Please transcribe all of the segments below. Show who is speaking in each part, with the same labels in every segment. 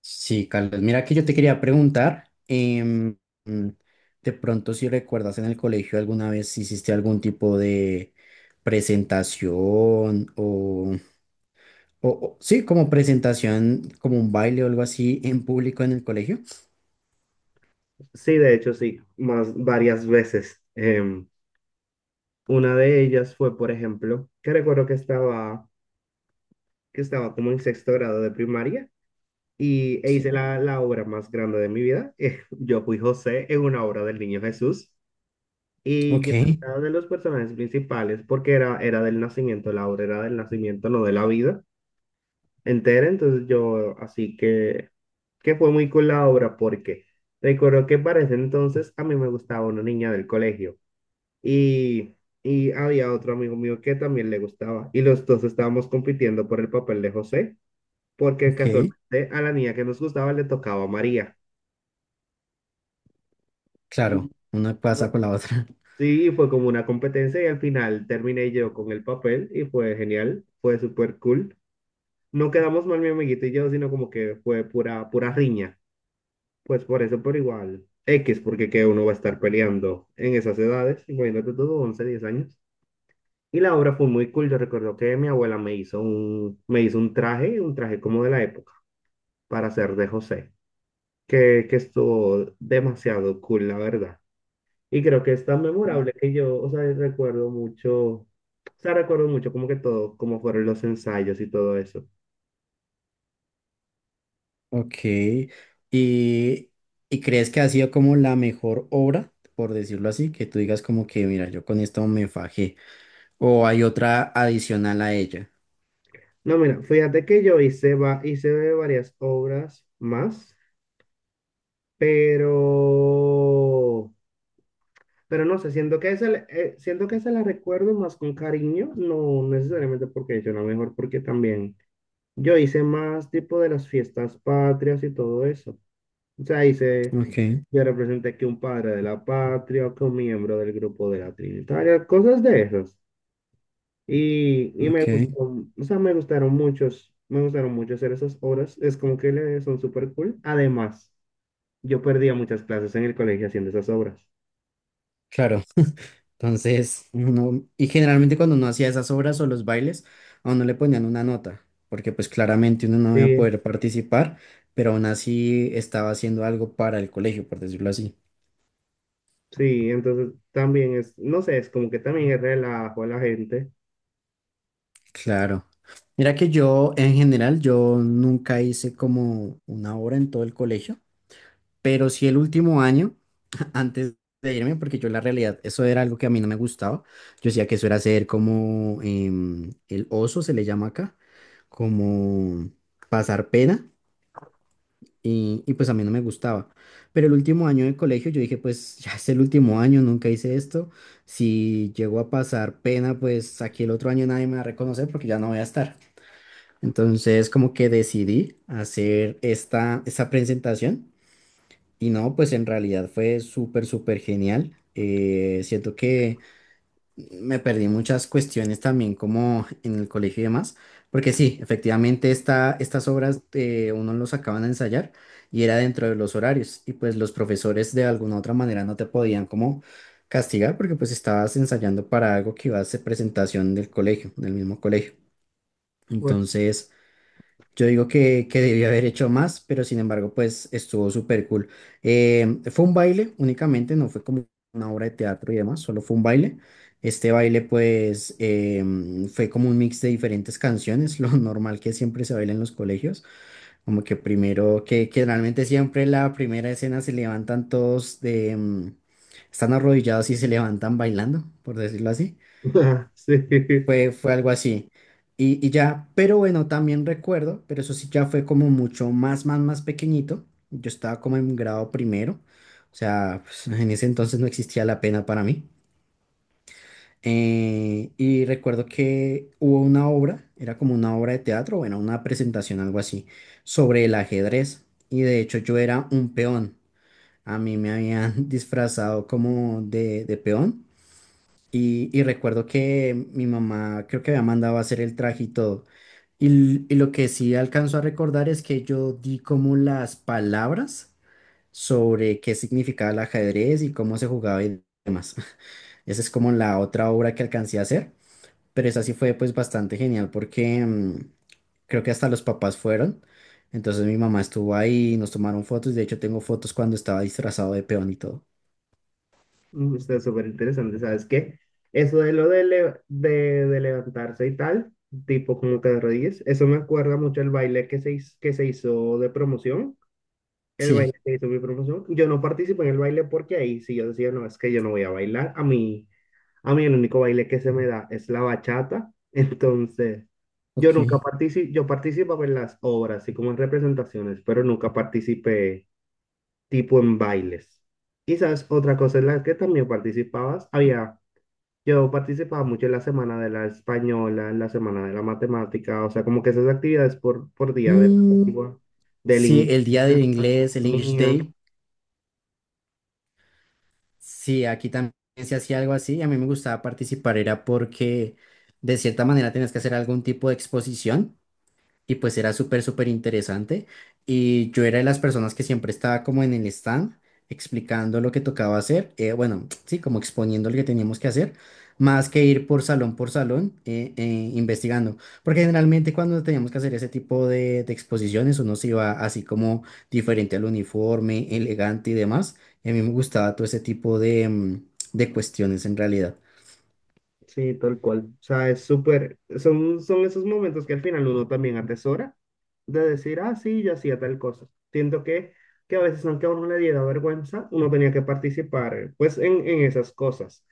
Speaker 1: Sí, Carlos, mira que yo te quería preguntar, mm, de pronto si recuerdas en el colegio alguna vez si hiciste algún tipo de presentación o, sí, como presentación, como un baile o algo así en público en el colegio.
Speaker 2: Sí, de hecho, sí, más varias veces. Una de ellas fue, por ejemplo, que recuerdo que estaba como en sexto grado de primaria y hice
Speaker 1: Sí.
Speaker 2: la obra más grande de mi vida. Yo fui José en una obra del Niño Jesús y
Speaker 1: Ok,
Speaker 2: yo era de los personajes principales porque era del nacimiento, la obra era del nacimiento, no de la vida entera. Entonces yo, así que fue muy cool la obra porque recuerdo que para ese entonces a mí me gustaba una niña del colegio. Y, y había otro amigo mío que también le gustaba. Y los dos estábamos compitiendo por el papel de José, porque
Speaker 1: ok,
Speaker 2: casualmente a la niña que nos gustaba le tocaba a María.
Speaker 1: claro,
Speaker 2: Y,
Speaker 1: una
Speaker 2: eh,
Speaker 1: pasa con la otra.
Speaker 2: sí, fue como una competencia y al final terminé yo con el papel y fue genial, fue súper cool. No quedamos mal mi amiguito y yo, sino como que fue pura, pura riña. Pues por eso, por igual, X, porque que uno va a estar peleando en esas edades, imagínate todo, 11 10 años. Y la obra fue muy cool. Yo recuerdo que mi abuela me hizo un traje, un traje como de la época, para hacer de José, que estuvo demasiado cool, la verdad. Y creo que es tan
Speaker 1: Mm.
Speaker 2: memorable que yo, o sea, recuerdo mucho como que todo, como fueron los ensayos y todo eso.
Speaker 1: Ok, y, y crees que ha sido como la mejor obra, por decirlo así, que tú digas como que, mira, yo con esto me fajé, o hay otra adicional a ella.
Speaker 2: No, mira, fíjate que yo hice varias obras más, pero Pero no sé, siento que esa la recuerdo más con cariño, no necesariamente porque yo la mejor, porque también yo hice más tipo de las fiestas patrias y todo eso. O sea,
Speaker 1: Ok,
Speaker 2: yo representé que un padre de la patria o que un miembro del grupo de la Trinitaria, cosas de esas. Y me
Speaker 1: ok.
Speaker 2: gustó, o sea, me gustaron mucho hacer esas obras. Es como que son súper cool. Además, yo perdía muchas clases en el colegio haciendo esas obras.
Speaker 1: Claro, entonces uno, y generalmente cuando uno hacía esas obras o los bailes, a uno le ponían una nota, porque pues claramente uno no iba a
Speaker 2: Sí,
Speaker 1: poder participar, pero aún así estaba haciendo algo para el colegio, por decirlo así.
Speaker 2: Sí, entonces también es, no sé, es como que también es relajo a la gente.
Speaker 1: Claro. Mira que yo, en general, yo nunca hice como una obra en todo el colegio, pero sí el último año, antes de irme, porque yo en la realidad, eso era algo que a mí no me gustaba. Yo decía que eso era hacer como el oso, se le llama acá, como pasar pena, y pues a mí no me gustaba. Pero el último año de colegio yo dije, pues ya es el último año, nunca hice esto. Si llego a pasar pena, pues aquí el otro año nadie me va a reconocer porque ya no voy a estar. Entonces como que decidí hacer esta presentación y no, pues en realidad fue súper, súper genial. Siento que me perdí muchas cuestiones también como en el colegio y demás, porque sí, efectivamente estas obras uno los acaban de ensayar y era dentro de los horarios y pues los profesores de alguna u otra manera no te podían como castigar porque pues estabas ensayando para algo que iba a ser presentación del colegio, del mismo colegio.
Speaker 2: Pues,
Speaker 1: Entonces... Yo digo que debió haber hecho más, pero sin embargo, pues estuvo súper cool. Fue un baile únicamente, no fue como una obra de teatro y demás, solo fue un baile. Este baile, pues, fue como un mix de diferentes canciones, lo normal que siempre se baila en los colegios, como que primero, que realmente siempre la primera escena se levantan todos de, están arrodillados y se levantan bailando, por decirlo así.
Speaker 2: sí.
Speaker 1: Fue algo así. Y ya, pero bueno, también recuerdo, pero eso sí ya fue como mucho más, más, más pequeñito. Yo estaba como en grado primero, o sea, pues, en ese entonces no existía la pena para mí. Y recuerdo que hubo una obra, era como una obra de teatro, bueno, una presentación, algo así, sobre el ajedrez. Y de hecho yo era un peón. A mí me habían disfrazado como de peón y recuerdo que mi mamá creo que había mandado a hacer el traje y todo. Y lo que sí alcanzo a recordar es que yo di como las palabras sobre qué significaba el ajedrez y cómo se jugaba y demás. Esa es como la otra obra que alcancé a hacer, pero esa sí fue pues bastante genial porque creo que hasta los papás fueron. Entonces mi mamá estuvo ahí, nos tomaron fotos, de hecho tengo fotos cuando estaba disfrazado de peón y todo.
Speaker 2: Mm, está súper interesante, ¿sabes qué? Eso de lo de, levantarse y tal, tipo como que de rodillas, eso me acuerda mucho el baile que que se hizo de promoción. El
Speaker 1: Sí,
Speaker 2: baile que hizo mi profesor. Yo no participo en el baile porque ahí sí yo decía, no, es que yo no voy a bailar. A mí el único baile que se me da es la bachata. Entonces, yo nunca
Speaker 1: ok.
Speaker 2: participo, yo participaba en las obras, así como en representaciones, pero nunca participé tipo en bailes. Y sabes, otra cosa en la que también participabas, había, yo participaba mucho en la semana de la española, en la semana de la matemática, o sea, como que esas actividades por día de la lengua, del
Speaker 1: Sí,
Speaker 2: inglés,
Speaker 1: el día
Speaker 2: de
Speaker 1: del
Speaker 2: la
Speaker 1: inglés, el English
Speaker 2: francofonía.
Speaker 1: Day, sí, aquí también se hacía algo así. A mí me gustaba participar, era porque de cierta manera tenías que hacer algún tipo de exposición. Y pues era súper, súper interesante. Y yo era de las personas que siempre estaba como en el stand explicando lo que tocaba hacer. Bueno, sí, como exponiendo lo que teníamos que hacer, más que ir por salón investigando. Porque generalmente cuando teníamos que hacer ese tipo de exposiciones, uno se iba así como diferente al uniforme, elegante y demás. Y a mí me gustaba todo ese tipo de, de cuestiones en realidad.
Speaker 2: Sí, tal cual. O sea, es súper, son, son esos momentos que al final uno también atesora de decir, ah, sí, yo hacía tal cosa. Siento que a veces, aunque a uno le diera vergüenza, uno tenía que participar, pues, en esas cosas,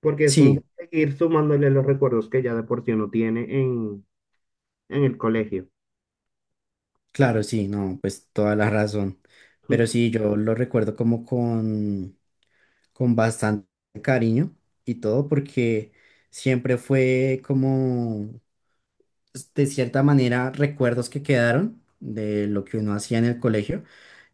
Speaker 2: porque es
Speaker 1: Sí.
Speaker 2: como seguir sumándole los recuerdos que ya de por sí uno tiene en el colegio.
Speaker 1: Claro, sí, no, pues toda la razón. Pero sí, yo lo recuerdo como con bastante cariño y todo, porque siempre fue como, de cierta manera, recuerdos que quedaron de lo que uno hacía en el colegio.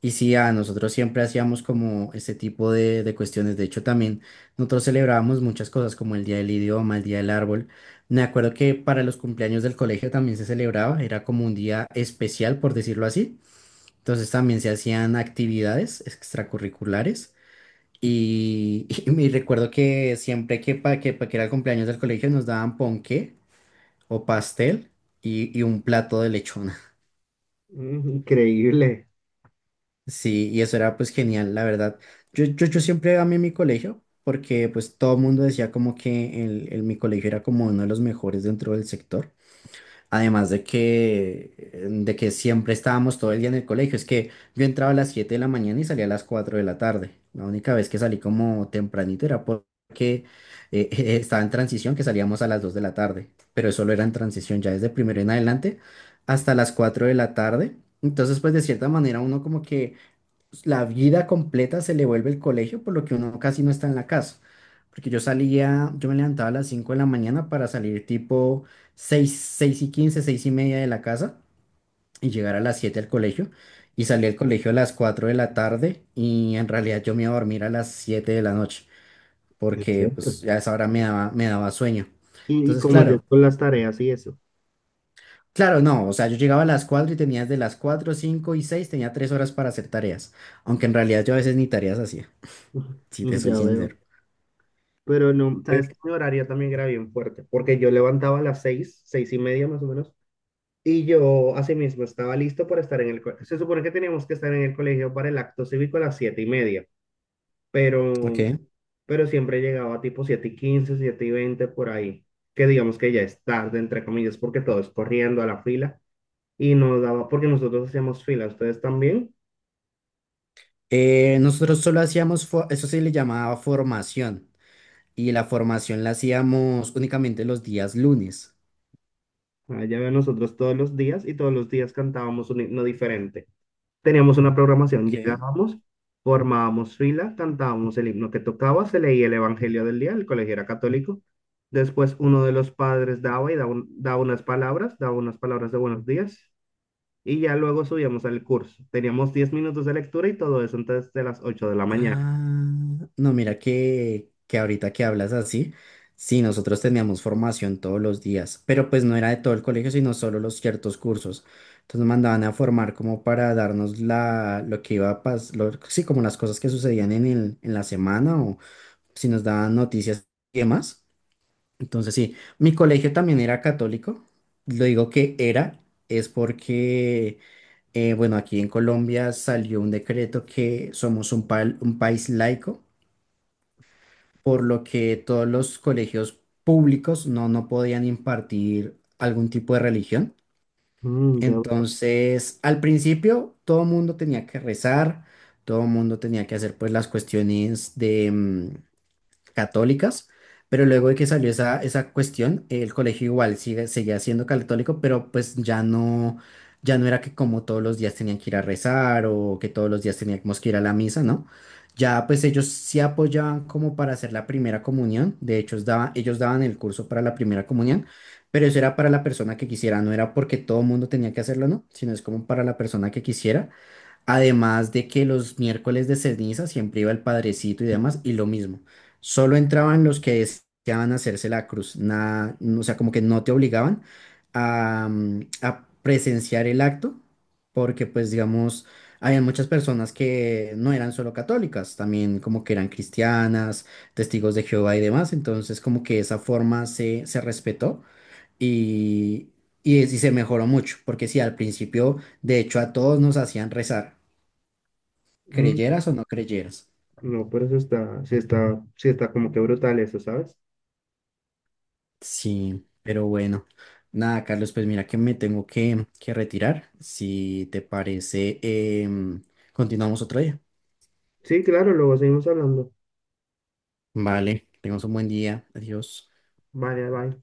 Speaker 1: Y sí, a nosotros siempre hacíamos como este tipo de cuestiones. De hecho, también nosotros celebrábamos muchas cosas como el Día del Idioma, el Día del Árbol. Me acuerdo que para los cumpleaños del colegio también se celebraba, era como un día especial, por decirlo así. Entonces también se hacían actividades extracurriculares. Y, y me recuerdo que siempre que pa' que era el cumpleaños del colegio nos daban ponqué o pastel y un plato de lechón.
Speaker 2: Increíble.
Speaker 1: Sí, y eso era pues genial, la verdad. Yo siempre amé mi colegio porque pues todo el mundo decía como que mi colegio era como uno de los mejores dentro del sector. Además de que siempre estábamos todo el día en el colegio. Es que yo entraba a las 7 de la mañana y salía a las 4 de la tarde. La única vez que salí como tempranito era porque eh, estaba en transición, que salíamos a las 2 de la tarde. Pero eso solo era en transición, ya desde primero en adelante hasta las 4 de la tarde. Entonces pues de cierta manera uno como que pues, la vida completa se le vuelve el colegio, por lo que uno casi no está en la casa. Porque yo salía, yo me levantaba a las 5 de la mañana para salir tipo 6 6 y 15 6 y media de la casa y llegar a las 7 al colegio. Y salí al colegio a las 4 de la tarde y en realidad yo me iba a dormir a las 7 de la noche
Speaker 2: ¿En
Speaker 1: porque
Speaker 2: serio?
Speaker 1: pues a esa hora me daba sueño.
Speaker 2: Y
Speaker 1: Entonces,
Speaker 2: cómo es
Speaker 1: claro,
Speaker 2: con las tareas y eso.
Speaker 1: claro, no, o sea, yo llegaba a las 4 y tenía desde las 4 5 y 6 tenía 3 horas para hacer tareas, aunque en realidad yo a veces ni tareas hacía, si te soy
Speaker 2: Ya veo.
Speaker 1: sincero.
Speaker 2: Pero no, sabes que mi horario también era bien fuerte, porque yo levantaba a las 6, 6:30 más o menos, y yo asimismo estaba listo para estar en el colegio. Se supone que teníamos que estar en el colegio para el acto cívico a las 7:30,
Speaker 1: Ok.
Speaker 2: pero, pero siempre llegaba tipo 7:15, 7:20 por ahí, que digamos que ya es tarde, entre comillas, porque todo es corriendo a la fila, y, nos daba, porque nosotros hacíamos fila, ustedes también,
Speaker 1: Nosotros solo hacíamos, eso se le llamaba formación, y la formación la hacíamos únicamente los días lunes.
Speaker 2: allá ven nosotros todos los días, y todos los días cantábamos un himno diferente. Teníamos una programación,
Speaker 1: Ok.
Speaker 2: llegábamos, formábamos fila, cantábamos el himno que tocaba, se leía el Evangelio del día, el colegio era católico. Después uno de los padres daba y daba, daba unas palabras de buenos días y ya luego subíamos al curso. Teníamos 10 minutos de lectura y todo eso antes de las 8 de la mañana.
Speaker 1: Ah, no, mira que ahorita que hablas así, sí, nosotros teníamos formación todos los días, pero pues no era de todo el colegio, sino solo los ciertos cursos. Entonces nos mandaban a formar como para darnos lo que iba a pasar, sí, como las cosas que sucedían en la semana o si nos daban noticias y demás. Entonces, sí, mi colegio también era católico. Lo digo que era, es porque, bueno, aquí en Colombia salió un decreto que somos un, un país laico, por lo que todos los colegios públicos no podían impartir algún tipo de religión.
Speaker 2: Mm, ya veo.
Speaker 1: Entonces, al principio, todo el mundo tenía que rezar, todo el mundo tenía que hacer pues las cuestiones de católicas, pero luego de que salió esa cuestión, el colegio igual seguía siendo católico, pero pues ya no, ya no era que como todos los días tenían que ir a rezar o que todos los días teníamos que ir a la misa, ¿no? Ya pues ellos sí apoyaban como para hacer la primera comunión, de hecho ellos daban el curso para la primera comunión, pero eso era para la persona que quisiera, no era porque todo el mundo tenía que hacerlo, ¿no? Sino es como para la persona que quisiera. Además de que los miércoles de ceniza siempre iba el padrecito y demás, y lo mismo. Solo entraban los que deseaban hacerse la cruz. Nada, no, o sea, como que no te obligaban a, a presenciar el acto, porque pues digamos, había muchas personas que no eran solo católicas, también como que eran cristianas, testigos de Jehová y demás. Entonces como que esa forma se respetó y, y se mejoró mucho, porque sí, al principio, de hecho, a todos nos hacían rezar
Speaker 2: Mm,
Speaker 1: creyeras o no creyeras.
Speaker 2: no, pero eso está, sí está, sí está como que brutal eso, ¿sabes?
Speaker 1: Sí, pero bueno, nada, Carlos, pues mira que me tengo que retirar. Si te parece, em, continuamos otro día.
Speaker 2: Sí, claro, luego seguimos hablando.
Speaker 1: Vale, tengas un buen día. Adiós.
Speaker 2: Vale, bye.